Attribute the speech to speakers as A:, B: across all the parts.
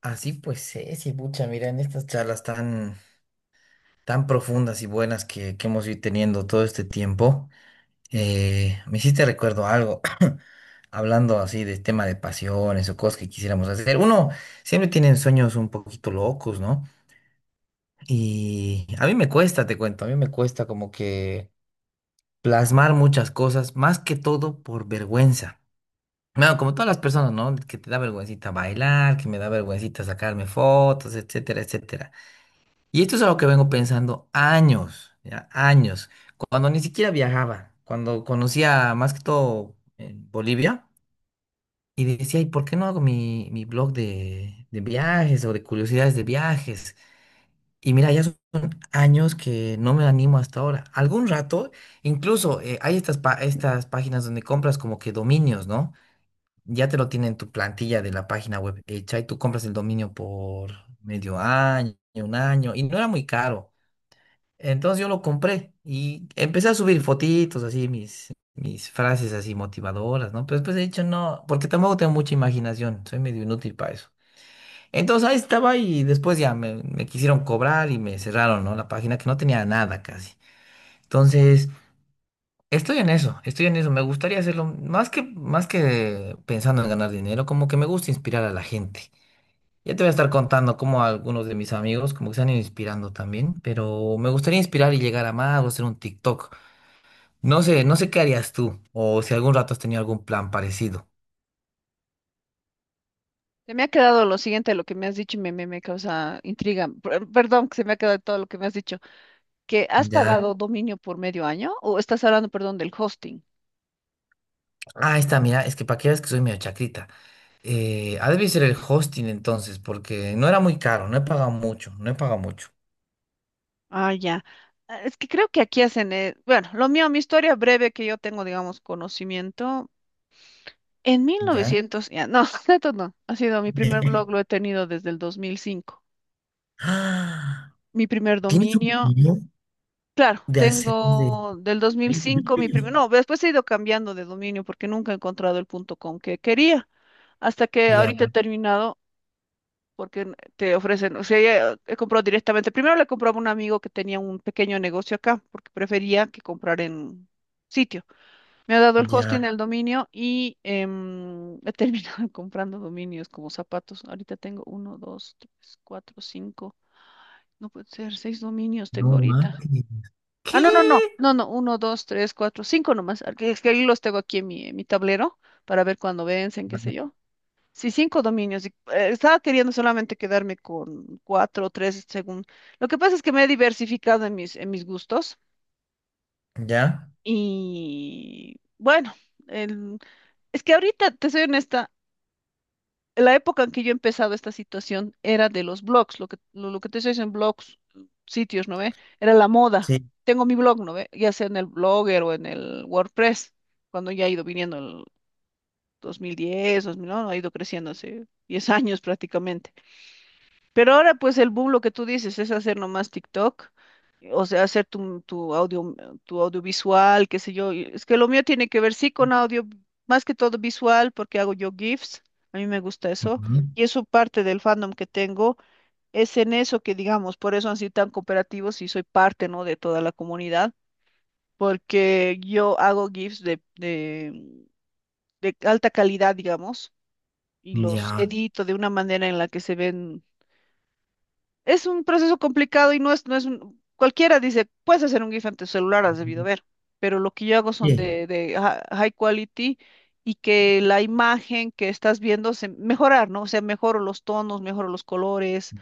A: Así pues es, y pucha, mira, en estas charlas tan profundas y buenas que hemos ido teniendo todo este tiempo, me hiciste recuerdo algo, hablando así de tema de pasiones o cosas que quisiéramos hacer. Uno siempre tiene sueños un poquito locos, ¿no? Y a mí me cuesta, te cuento, a mí me cuesta como que plasmar muchas cosas, más que todo por vergüenza. No, como todas las personas, ¿no? Que te da vergüencita bailar, que me da vergüencita sacarme fotos, etcétera, etcétera. Y esto es algo que vengo pensando años, ya, años, cuando ni siquiera viajaba, cuando conocía más que todo Bolivia y decía, ¿y por qué no hago mi blog de viajes o de curiosidades de viajes? Y mira, ya son años que no me animo hasta ahora. Algún rato, incluso hay estas páginas donde compras como que dominios, ¿no? Ya te lo tienen tu plantilla de la página web hecha y tú compras el dominio por medio año, un año, y no era muy caro. Entonces yo lo compré y empecé a subir fotitos, así mis frases así motivadoras, ¿no? Pero después he dicho, no, porque tampoco tengo mucha imaginación, soy medio inútil para eso. Entonces ahí estaba y después ya me quisieron cobrar y me cerraron, ¿no? La página que no tenía nada casi. Entonces, estoy en eso, estoy en eso. Me gustaría hacerlo más que pensando en ganar dinero, como que me gusta inspirar a la gente. Ya te voy a estar contando cómo algunos de mis amigos como que se han ido inspirando también, pero me gustaría inspirar y llegar a más o hacer un TikTok. No sé, no sé qué harías tú, o si algún rato has tenido algún plan parecido.
B: Se me ha quedado lo siguiente de lo que me has dicho y me causa intriga. Perdón, que se me ha quedado todo lo que me has dicho. ¿Que has
A: Ya.
B: pagado dominio por medio año o estás hablando, perdón, del hosting?
A: Ah, ahí está, mira, es que para que veas que soy medio chacrita. Ha de ser el hosting entonces, porque no era muy caro, no he pagado mucho, no he pagado mucho.
B: Ah, ya. Ah, es que creo que aquí hacen, bueno, lo mío, mi historia breve que yo tengo, digamos, conocimiento. En
A: Ya.
B: 1900, ya, no, tanto no, ha sido mi primer blog, lo he tenido desde el 2005.
A: Ah,
B: Mi primer
A: ¿tienes un
B: dominio,
A: video
B: claro,
A: de hacer de...?
B: tengo del
A: ¿El
B: 2005 mi
A: video?
B: primer, no, después he ido cambiando de dominio porque nunca he encontrado el punto .com que quería, hasta que
A: Ya,
B: ahorita he terminado porque te ofrecen, o sea, ya, he comprado directamente, primero le compraba a un amigo que tenía un pequeño negocio acá, porque prefería que comprar en sitio. Me ha dado el
A: ya,
B: hosting del dominio y he terminado comprando dominios como zapatos. Ahorita tengo uno, dos, tres, cuatro, cinco, no puede ser, seis dominios tengo
A: no
B: ahorita.
A: mames.
B: Ah,
A: ¿Qué?
B: no, no, no, no, no, uno, dos, tres, cuatro, cinco nomás. Es que ahí los tengo aquí en en mi tablero para ver cuándo vencen, qué sé yo. Sí, cinco dominios. Y, estaba queriendo solamente quedarme con cuatro o tres según. Lo que pasa es que me he diversificado en en mis gustos
A: Ya,
B: y bueno, el- es que ahorita, te soy honesta, la época en que yo he empezado esta situación era de los blogs, lo que, lo que te dicen blogs, sitios, ¿no ve? Era la moda.
A: sí.
B: Tengo mi blog, ¿no ve? Ya sea en el Blogger o en el WordPress, cuando ya ha ido viniendo el 2010, 2009, ha ido creciendo hace 10 años prácticamente. Pero ahora, pues, el boom, lo que tú dices, es hacer nomás TikTok, o sea, hacer tu, tu audio, tu audiovisual, qué sé yo. Y es que lo mío tiene que ver, sí, con audio, más que todo visual, porque hago yo GIFs, a mí me gusta eso, y eso parte del fandom que tengo, es en eso que, digamos, por eso han sido tan cooperativos y soy parte, ¿no?, de toda la comunidad, porque yo hago GIFs de alta calidad, digamos, y
A: Ujú, ya.
B: los edito de una manera en la que se ven. Es un proceso complicado y no es, no es un, cualquiera dice, puedes hacer un GIF en tu celular, has debido ver, pero lo que yo hago son
A: Bien.
B: de high quality y que la imagen que estás viendo se mejorar, ¿no? O sea, mejoro los tonos, mejoro los colores,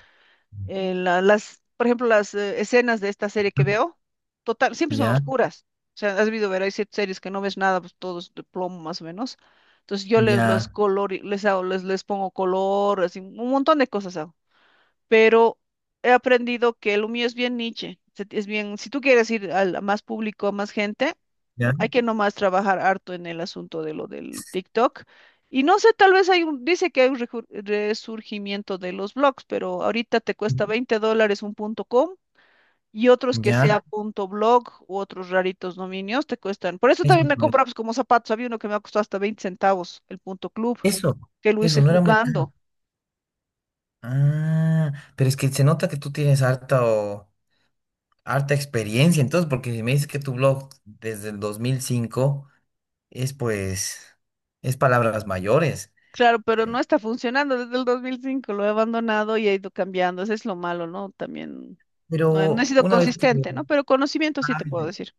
B: las, por ejemplo, las escenas de esta serie que veo, total, siempre son
A: Ya,
B: oscuras. O sea, has debido ver, hay ciertas series que no ves nada, pues todo es de plomo más o menos. Entonces yo les, los
A: ya,
B: color, les hago, les pongo color, así, un montón de cosas hago, pero he aprendido que lo mío es bien niche, es bien, si tú quieres ir a más público, a más gente,
A: ya.
B: hay que nomás trabajar harto en el asunto de lo del TikTok. Y no sé, tal vez hay un, dice que hay un resurgimiento de los blogs, pero ahorita te cuesta 20 dólares un punto com y otros que
A: Ya,
B: sea punto blog u otros raritos dominios te cuestan. Por eso
A: eso
B: también me
A: pues.
B: compraba pues, como zapatos, había uno que me ha costado hasta 20 centavos, el punto club,
A: Eso,
B: que lo
A: eso
B: hice
A: no era muy caro.
B: jugando.
A: Ah, pero es que se nota que tú tienes harta harta experiencia, entonces, porque si me dices que tu blog desde el 2005 es pues, es palabras mayores.
B: Claro, pero
A: Eh,
B: no está funcionando desde el 2005. Lo he abandonado y he ido cambiando, eso es lo malo, ¿no? También no he
A: Pero
B: sido
A: una vez que...
B: consistente, ¿no? Pero conocimiento sí
A: Ah,
B: te puedo decir.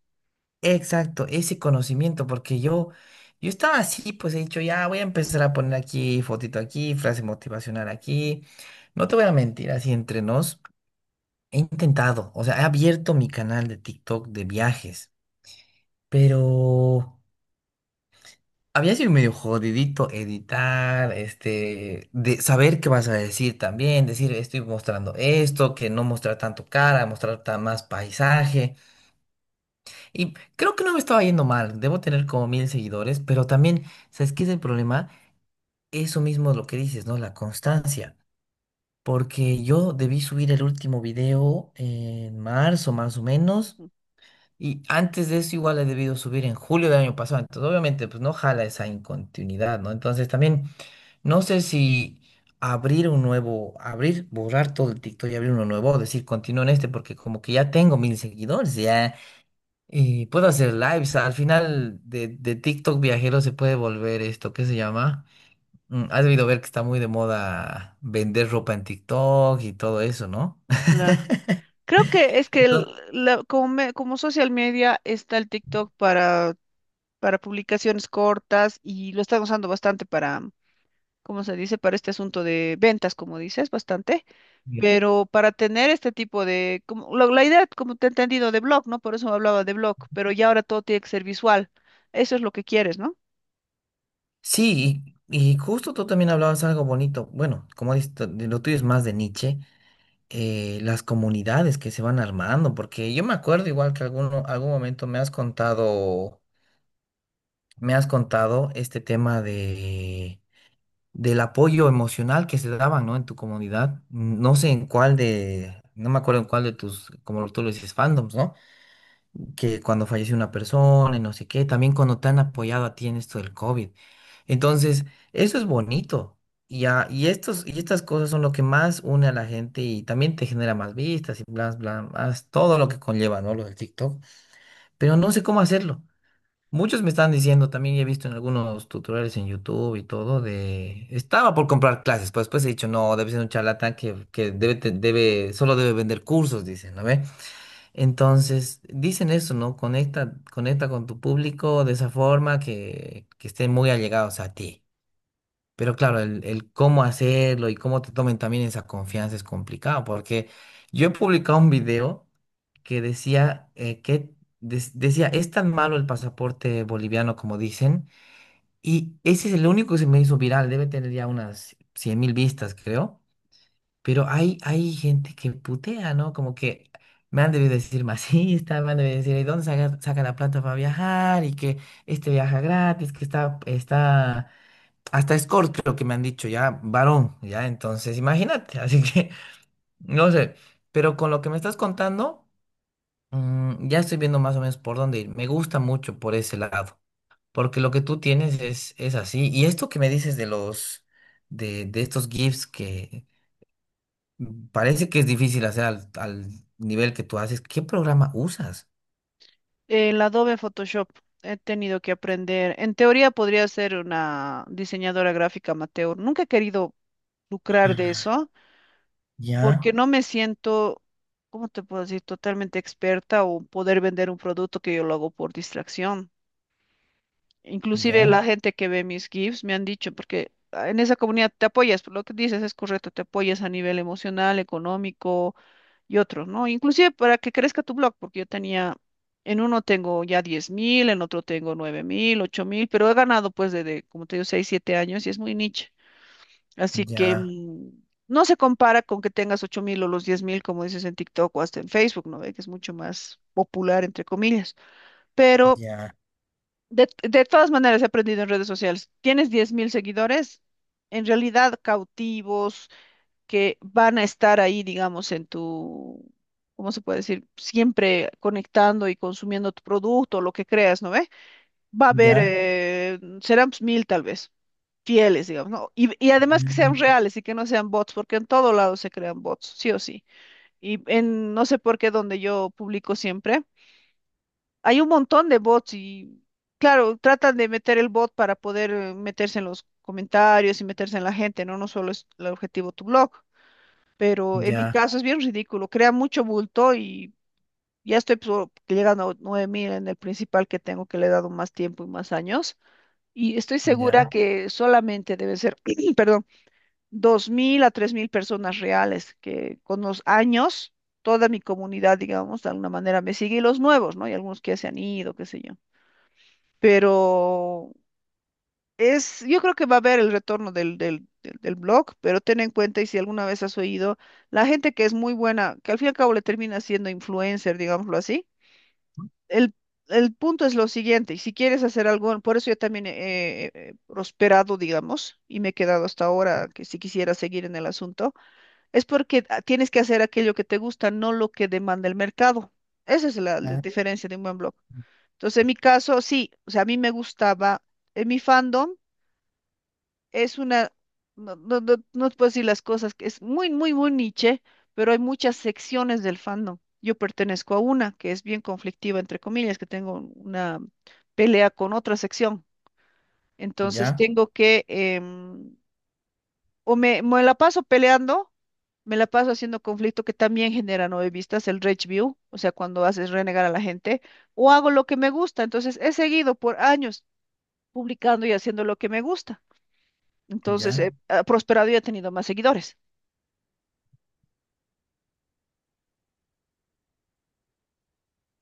A: exacto, ese conocimiento, porque yo estaba así, pues he dicho, ya voy a empezar a poner aquí fotito aquí, frase motivacional aquí. No te voy a mentir, así entre nos. He intentado, o sea, he abierto mi canal de TikTok de viajes, pero había sido medio jodidito editar, este, de saber qué vas a decir también, decir estoy mostrando esto, que no mostrar tanto cara, mostrar más paisaje. Y creo que no me estaba yendo mal, debo tener como 1.000 seguidores, pero también, ¿sabes qué es el problema? Eso mismo es lo que dices, ¿no? La constancia. Porque yo debí subir el último video en marzo, más o menos.
B: Mm.
A: Y antes de eso igual he debido subir en julio del año pasado. Entonces, obviamente, pues no jala esa incontinuidad, ¿no? Entonces también no sé si abrir un nuevo, abrir, borrar todo el TikTok y abrir uno nuevo, o decir continúo en este, porque como que ya tengo 1.000 seguidores, ya, y puedo hacer lives. Al final de TikTok viajero se puede volver esto, ¿qué se llama? Has debido ver que está muy de moda vender ropa en TikTok y todo eso, ¿no?
B: Claro. Creo que es que
A: Entonces,
B: como, como social media está el TikTok para publicaciones cortas y lo están usando bastante para, como se dice, para este asunto de ventas, como dices, bastante, pero para tener este tipo de, como, la idea, como te he entendido, de blog, ¿no? Por eso hablaba de blog, pero ya ahora todo tiene que ser visual. Eso es lo que quieres, ¿no?
A: sí, y justo tú también hablabas algo bonito. Bueno, como dices, tú, lo tuyo es más de Nietzsche, las comunidades que se van armando, porque yo me acuerdo igual que algún momento me has contado este tema del apoyo emocional que se daban, ¿no? En tu comunidad. No sé en cuál de, no me acuerdo en cuál de tus, como tú lo dices, fandoms, ¿no? Que cuando fallece una persona y no sé qué, también cuando te han apoyado a ti en esto del COVID. Entonces, eso es bonito. Y estas cosas son lo que más une a la gente y también te genera más vistas y bla, bla, más todo lo que conlleva, ¿no? Lo del TikTok. Pero no sé cómo hacerlo. Muchos me están diciendo, también he visto en algunos tutoriales en YouTube y todo, de... Estaba por comprar clases, pero después he dicho, no, debe ser un charlatán que solo debe vender cursos, dicen, ¿no? Entonces, dicen eso, ¿no? Conecta, conecta con tu público de esa forma que estén muy allegados a ti. Pero claro, el cómo hacerlo y cómo te tomen también esa confianza es complicado, porque yo he publicado un video que decía, es tan malo el pasaporte boliviano como dicen, y ese es el único que se me hizo viral, debe tener ya unas 100.000 vistas, creo. Pero hay gente que putea, ¿no? Como que me han debido decir masista, me han debido decir, ¿y dónde saca la plata para viajar? Y que este viaja gratis, que está, hasta escort creo que me han dicho, ya, varón, ya, entonces imagínate, así que, no sé, pero con lo que me estás contando, ya estoy viendo más o menos por dónde ir. Me gusta mucho por ese lado, porque lo que tú tienes es así. Y esto que me dices de los, de estos GIFs que parece que es difícil hacer al nivel que tú haces. ¿Qué programa usas?
B: El Adobe Photoshop he tenido que aprender. En teoría podría ser una diseñadora gráfica amateur. Nunca he querido lucrar de eso
A: Ya,
B: porque no me siento, ¿cómo te puedo decir?, totalmente experta o poder vender un producto que yo lo hago por distracción. Inclusive
A: ya,
B: la gente que ve mis GIFs me han dicho, porque ah, en esa comunidad te apoyas, lo que dices es correcto, te apoyas a nivel emocional, económico y otros, ¿no? Inclusive para que crezca tu blog, porque yo tenía, en uno tengo ya 10.000, en otro tengo 9.000, 8.000, pero he ganado pues desde, como te digo, 6 7 años y es muy niche. Así que
A: ya,
B: mm, no se compara con que tengas 8.000 o los 10.000, como dices en TikTok o hasta en Facebook, ¿no ve? Que es mucho más popular, entre comillas. Pero
A: ya,
B: de todas maneras he aprendido en redes sociales. Tienes 10.000 seguidores, en realidad cautivos que van a estar ahí, digamos, en tu, ¿cómo se puede decir? Siempre conectando y consumiendo tu producto, lo que creas, ¿no ve? Va a haber,
A: ya,
B: serán pues, mil tal vez, fieles, digamos, ¿no? Y además que sean reales y que no sean bots, porque en todo lado se crean bots, sí o sí. Y en, no sé por qué, donde yo publico siempre, hay un montón de bots y, claro, tratan de meter el bot para poder meterse en los comentarios y meterse en la gente, ¿no? No solo es el objetivo tu blog, pero en mi
A: ya,
B: caso es bien ridículo, crea mucho bulto y ya estoy llegando a 9.000 en el principal que tengo, que le he dado más tiempo y más años, y estoy
A: ya,
B: segura que solamente deben ser, perdón, 2.000 a 3.000 personas reales, que con los años toda mi comunidad, digamos, de alguna manera me sigue y los nuevos, ¿no? Y algunos que ya se han ido, qué sé yo. Pero es, yo creo que va a haber el retorno del blog, pero ten en cuenta, y si alguna vez has oído, la gente que es muy buena, que al fin y al cabo le termina siendo influencer, digámoslo así, el, el punto es lo siguiente, y si quieres hacer algo, por eso yo también he prosperado, digamos, y me he quedado hasta ahora, que si quisiera seguir en el asunto, es porque ah, tienes que hacer aquello que te gusta, no lo que demanda el mercado. Esa es la
A: ya,
B: diferencia de un buen blog. Entonces, en mi caso, sí, o sea, a mí me gustaba en mi fandom es una, no, no, no, no te puedo decir las cosas, que es muy, muy, muy niche, pero hay muchas secciones del fandom. Yo pertenezco a una que es bien conflictiva, entre comillas, que tengo una pelea con otra sección. Entonces
A: ya,
B: tengo que, o me la paso peleando, me la paso haciendo conflicto que también genera nueve vistas, el rage view, o sea, cuando haces renegar a la gente, o hago lo que me gusta. Entonces he seguido por años publicando y haciendo lo que me gusta.
A: ya.
B: Entonces, ujú. Ha prosperado y he tenido más seguidores.